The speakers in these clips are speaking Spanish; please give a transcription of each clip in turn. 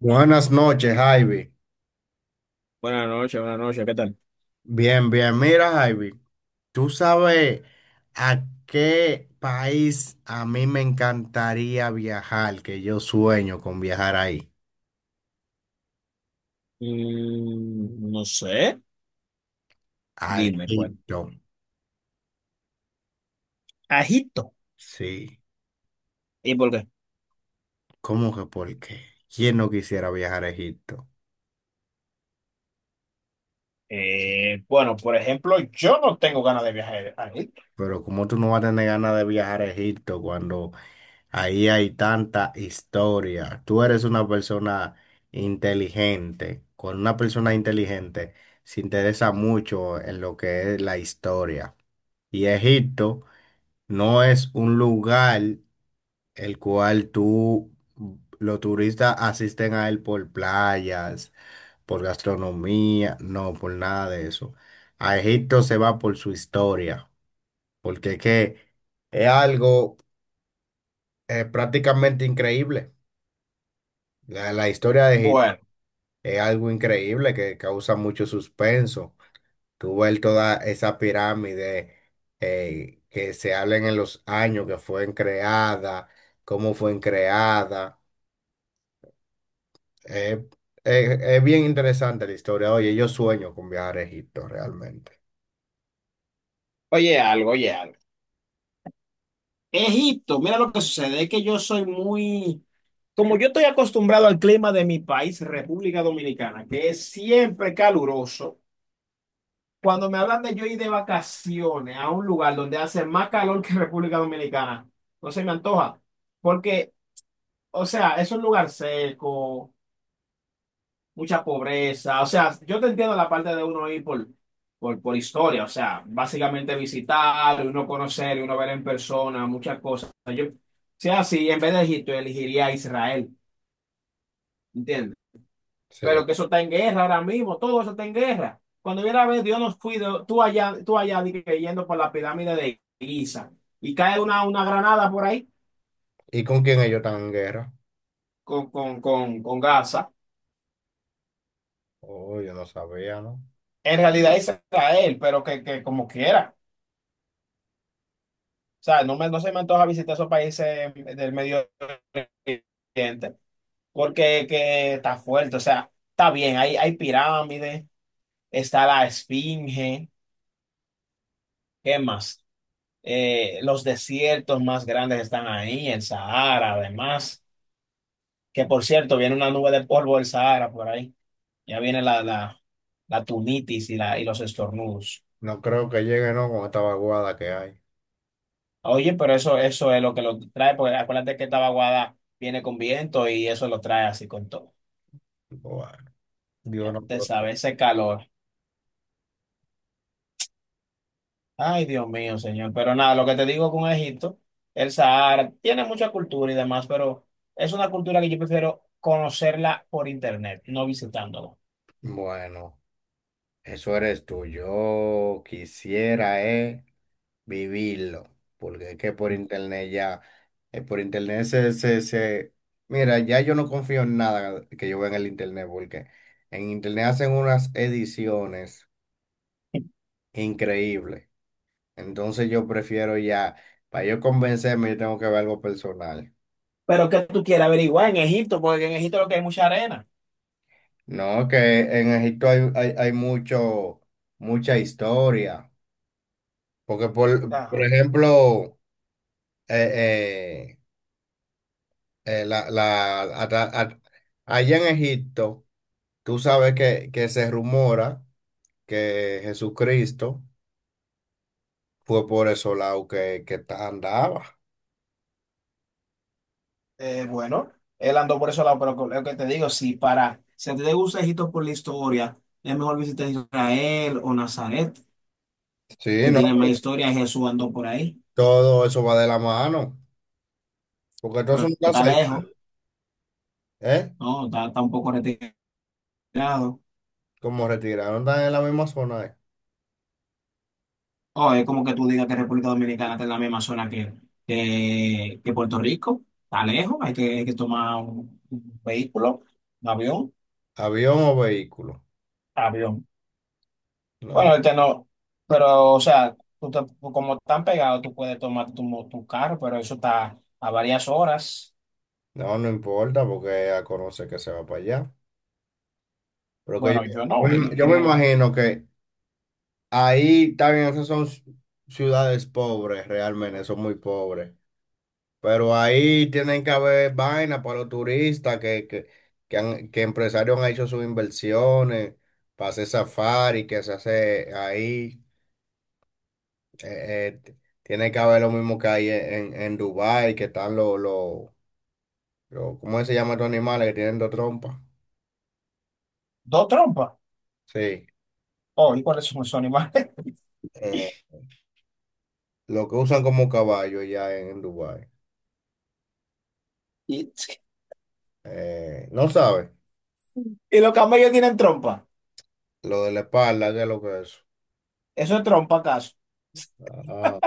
Buenas noches, Javi. Buenas noches, ¿qué tal? Bien, bien. Mira, Javi, ¿tú sabes a qué país a mí me encantaría viajar? Que yo sueño con viajar ahí. No sé, A dime cuál. Egipto. Egipto. Sí. ¿Y por qué? ¿Cómo que por qué? ¿Quién no quisiera viajar a Egipto? Bueno, por ejemplo, yo no tengo ganas de viajar a Egipto. Pero como tú no vas a tener ganas de viajar a Egipto cuando ahí hay tanta historia? Tú eres una persona inteligente. Con una persona inteligente se interesa mucho en lo que es la historia. Y Egipto no es un lugar el cual tú, los turistas asisten a él por playas, por gastronomía, no, por nada de eso. A Egipto se va por su historia, porque es que es algo prácticamente increíble. La historia de Egipto Bueno, es algo increíble que causa mucho suspenso. Tú ves toda esa pirámide que se habla en los años que fue creada, cómo fue creada. Eh, es bien interesante la historia. Oye, yo sueño con viajar a Egipto realmente. oye algo, oye algo. Egipto, mira lo que sucede, es que yo soy muy, como yo estoy acostumbrado al clima de mi país, República Dominicana, que es siempre caluroso, cuando me hablan de yo ir de vacaciones a un lugar donde hace más calor que República Dominicana, no se me antoja, porque... O sea, es un lugar seco, mucha pobreza. O sea, yo te entiendo la parte de uno ir por historia. O sea, básicamente visitar, uno conocer, uno ver en persona, muchas cosas. Yo, sea así, en vez de Egipto, elegiría Israel, ¿entiendes? Sí. Pero que eso está en guerra ahora mismo, todo eso está en guerra. Cuando viera a ver, Dios nos cuide, tú allá di que yendo por la pirámide de Giza y cae una granada por ahí ¿Y con quién ellos están en guerra? con Gaza. Oh, yo no sabía, ¿no? En realidad es Israel, pero que como quiera. O sea, no, me, no se me antoja visitar esos países del Medio Oriente, porque que está fuerte, o sea, está bien, hay pirámides, está la Esfinge, ¿qué más? Los desiertos más grandes están ahí, el Sahara, además, que por cierto, viene una nube de polvo del Sahara por ahí, ya viene la tunitis y, la, y los estornudos. No creo que llegue, ¿no? Con esta vaguada que hay. Oye, pero eso es lo que lo trae, porque acuérdate que esta vaguada viene con viento y eso lo trae así con todo. Bueno, Dios Ya nos te sabe, protege. ese calor. Ay, Dios mío, señor. Pero nada, lo que te digo con Egipto, el Sahara, tiene mucha cultura y demás, pero es una cultura que yo prefiero conocerla por internet, no visitándolo. Bueno, eso eres tú. Yo quisiera vivirlo, porque es que por internet ya, por internet se, se, se- mira, ya yo no confío en nada que yo vea en el internet, porque en internet hacen unas ediciones increíbles. Entonces yo prefiero ya, para yo convencerme, yo tengo que ver algo personal. Pero que tú quieras averiguar en Egipto, porque en Egipto lo que hay es mucha arena. No, que en Egipto hay, hay mucho, mucha historia. Porque, por Ajá. ejemplo, eh, eh, eh, la, la- ata- at- allá en Egipto, tú sabes que se rumora que Jesucristo fue por esos lados que, andaba. Bueno, él andó por ese lado, pero lo que te digo, si para, si a ti te gusta Egipto por la historia, es mejor visitar Israel o Nazaret, Sí, que ¿no? tiene más historia, Jesús andó por ahí, Todo eso va de la mano. Porque todos son pero tan está cerca, lejos, ¿eh? ¿no? Está, está un poco retirado. Como retiraron, están en la misma zona. ¿Eh? O es como que tú digas que República Dominicana está en la misma zona que, que Puerto Rico. Está lejos, hay que tomar un vehículo, un avión, Avión o vehículo. avión. Bueno, No, ahorita no, pero o sea, tú como están pegados, tú puedes tomar tu, tu carro, pero eso está a varias horas. No importa porque a conocer que se va para allá. Pero que Bueno, yo no yo me iría. imagino que ahí también esas son ciudades pobres, realmente, son muy pobres. Pero ahí tienen que haber vaina para los turistas que empresarios han hecho sus inversiones para hacer safari, que se hace ahí. Eh, eh, tiene que haber lo mismo que hay en Dubái, que están ¿cómo se llaman estos animales que tienen dos trompas? Dos trompas. Sí, Oh, ¿y cuáles son esos animales? eh, lo que usan como caballo ya en Dubái. Y, No sabe, y los camellos tienen trompa. lo de la espalda, ¿qué es lo que es? ¿Eso es trompa acaso? Ah,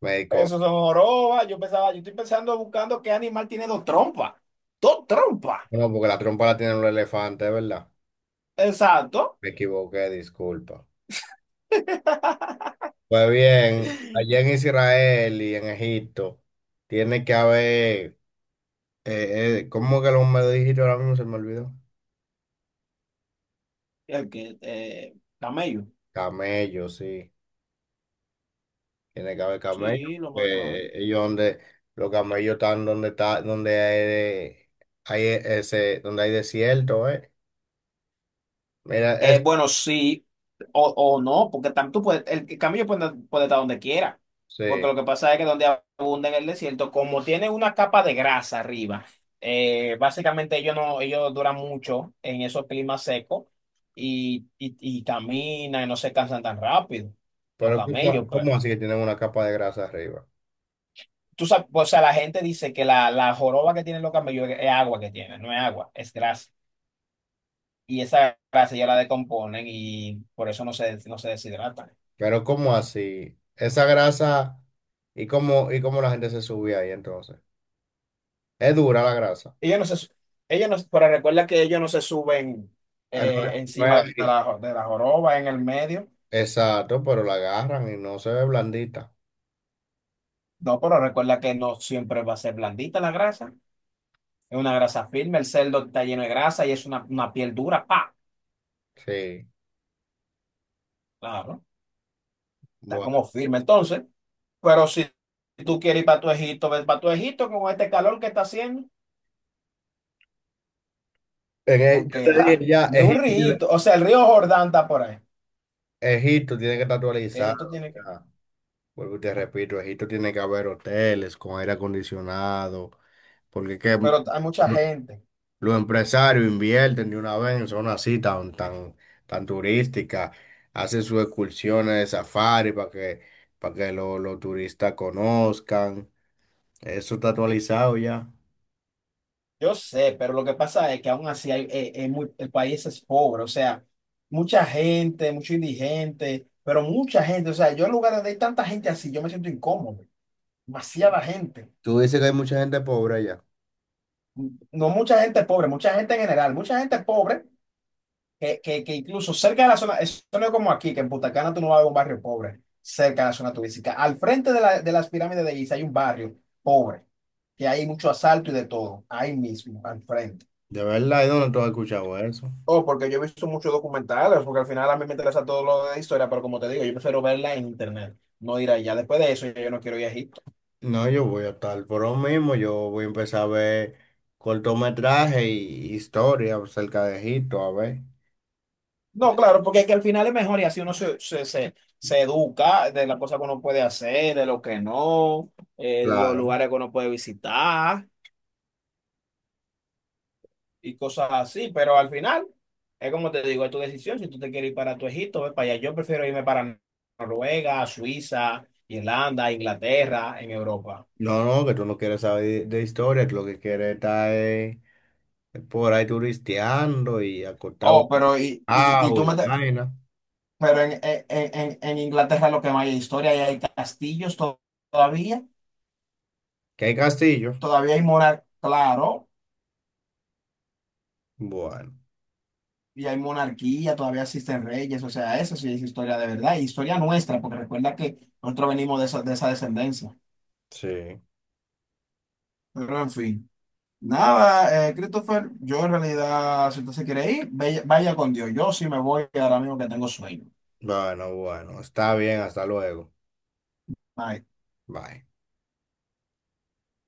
me equivoqué. Eso son jorobas. Yo pensaba, yo estoy pensando buscando qué animal tiene dos trompas. Dos trompas. No, porque la trompa la tienen los elefantes, ¿verdad? Exacto. Me equivoqué, disculpa. Pues bien, allá en Israel y en Egipto tiene que haber, ¿cómo que lo me dijiste ahora mismo? Se me olvidó. El que, camello. Camellos, sí. Tiene que haber camellos. Sí, lo más claro. Ellos donde, los camellos están donde está, donde hay ese, donde hay desierto, ¿eh? Mira, es, Bueno, sí o no, porque tú puedes, el camello puede, puede estar donde quiera, sí. porque lo que pasa es que donde abunda en el desierto, como tiene una capa de grasa arriba, básicamente ellos no, ellos duran mucho en esos climas secos y caminan y no se cansan tan rápido, los Pero ¿cómo, camellos, pero cómo así que tienen una capa de grasa arriba? tú sabes, o sea, la gente dice que la joroba que tienen los camellos es agua que tienen, no es agua, es grasa, y esa grasa ya la decomponen y por eso no se, no se deshidratan. Pero ¿cómo así? Esa grasa, y cómo la gente se subía ahí entonces? Es dura la grasa. Ellos no se, su- ellos no, pero recuerda que ellos no se suben No, no es encima de así. De la joroba, en el medio. Exacto, pero la agarran y no se ve blandita. No, pero recuerda que no siempre va a ser blandita la grasa. Es una grasa firme, el cerdo está lleno de grasa y es una piel dura, pa, Sí, claro, está bueno. como firme. Entonces, pero si tú quieres ir para tu Egipto, ves para tu Egipto con este calor que está haciendo, Yo porque te dije ja, ya, ni un río, o sea, el río Jordán está por ahí. Egipto tiene que estar actualizado Egipto tiene que, ya. Vuelvo y te repito, Egipto tiene que haber hoteles con aire acondicionado, porque es que pero hay mucha gente. los empresarios invierten de una vez en zonas así tan, tan, tan turísticas, hacen sus excursiones de safari para que, los turistas conozcan. Eso está actualizado ya. Yo sé, pero lo que pasa es que aún así hay- muy- el país es pobre, o sea, mucha gente, mucho indigente, pero mucha gente, o sea, yo en lugar donde hay tanta gente así, yo me siento incómodo, demasiada gente. Tú dices que hay mucha gente pobre allá. No mucha gente pobre, mucha gente en general, mucha gente pobre, que incluso cerca de la zona, eso no es como aquí, que en Punta Cana tú no vas a ver un barrio pobre, cerca de la zona turística. Al frente de, de las pirámides de Giza hay un barrio pobre, que hay mucho asalto y de todo, ahí mismo, al frente. De verdad, ¿y dónde tú has escuchado eso? Oh, porque yo he visto muchos documentales, porque al final a mí me interesa todo lo de historia, pero como te digo, yo prefiero verla en internet, no ir allá. Después de eso, yo no quiero ir a Egipto. No, yo voy a estar por lo mismo, yo voy a empezar a ver cortometraje y historia acerca de Egipto, a ver. No, claro, porque es que al final es mejor y así uno se educa de las cosas que uno puede hacer, de lo que no, los Claro. lugares que uno puede visitar y cosas así, pero al final es como te digo, es tu decisión. Si tú te quieres ir para tu Egipto, ve para allá. Yo prefiero irme para Noruega, Suiza, Irlanda, Inglaterra, en Europa. No, no, que tú no quieres saber de historia, tú lo que quieres está es por ahí turisteando y acostado Oh, pero y abajo tú y me... vaina. Pero en Inglaterra lo que más hay es historia, y hay castillos todavía, ¿Que hay castillo? todavía hay monarquía, claro, Bueno, y hay monarquía, todavía existen reyes, o sea, eso sí es historia de verdad, y historia nuestra, porque recuerda que nosotros venimos de esa descendencia. sí. Pero en fin, nada, Christopher, yo en realidad, si usted se quiere ir, vaya, vaya con Dios, yo sí me voy ahora mismo que tengo sueño. Bueno, bueno, está bien, hasta luego. Bye. Bye.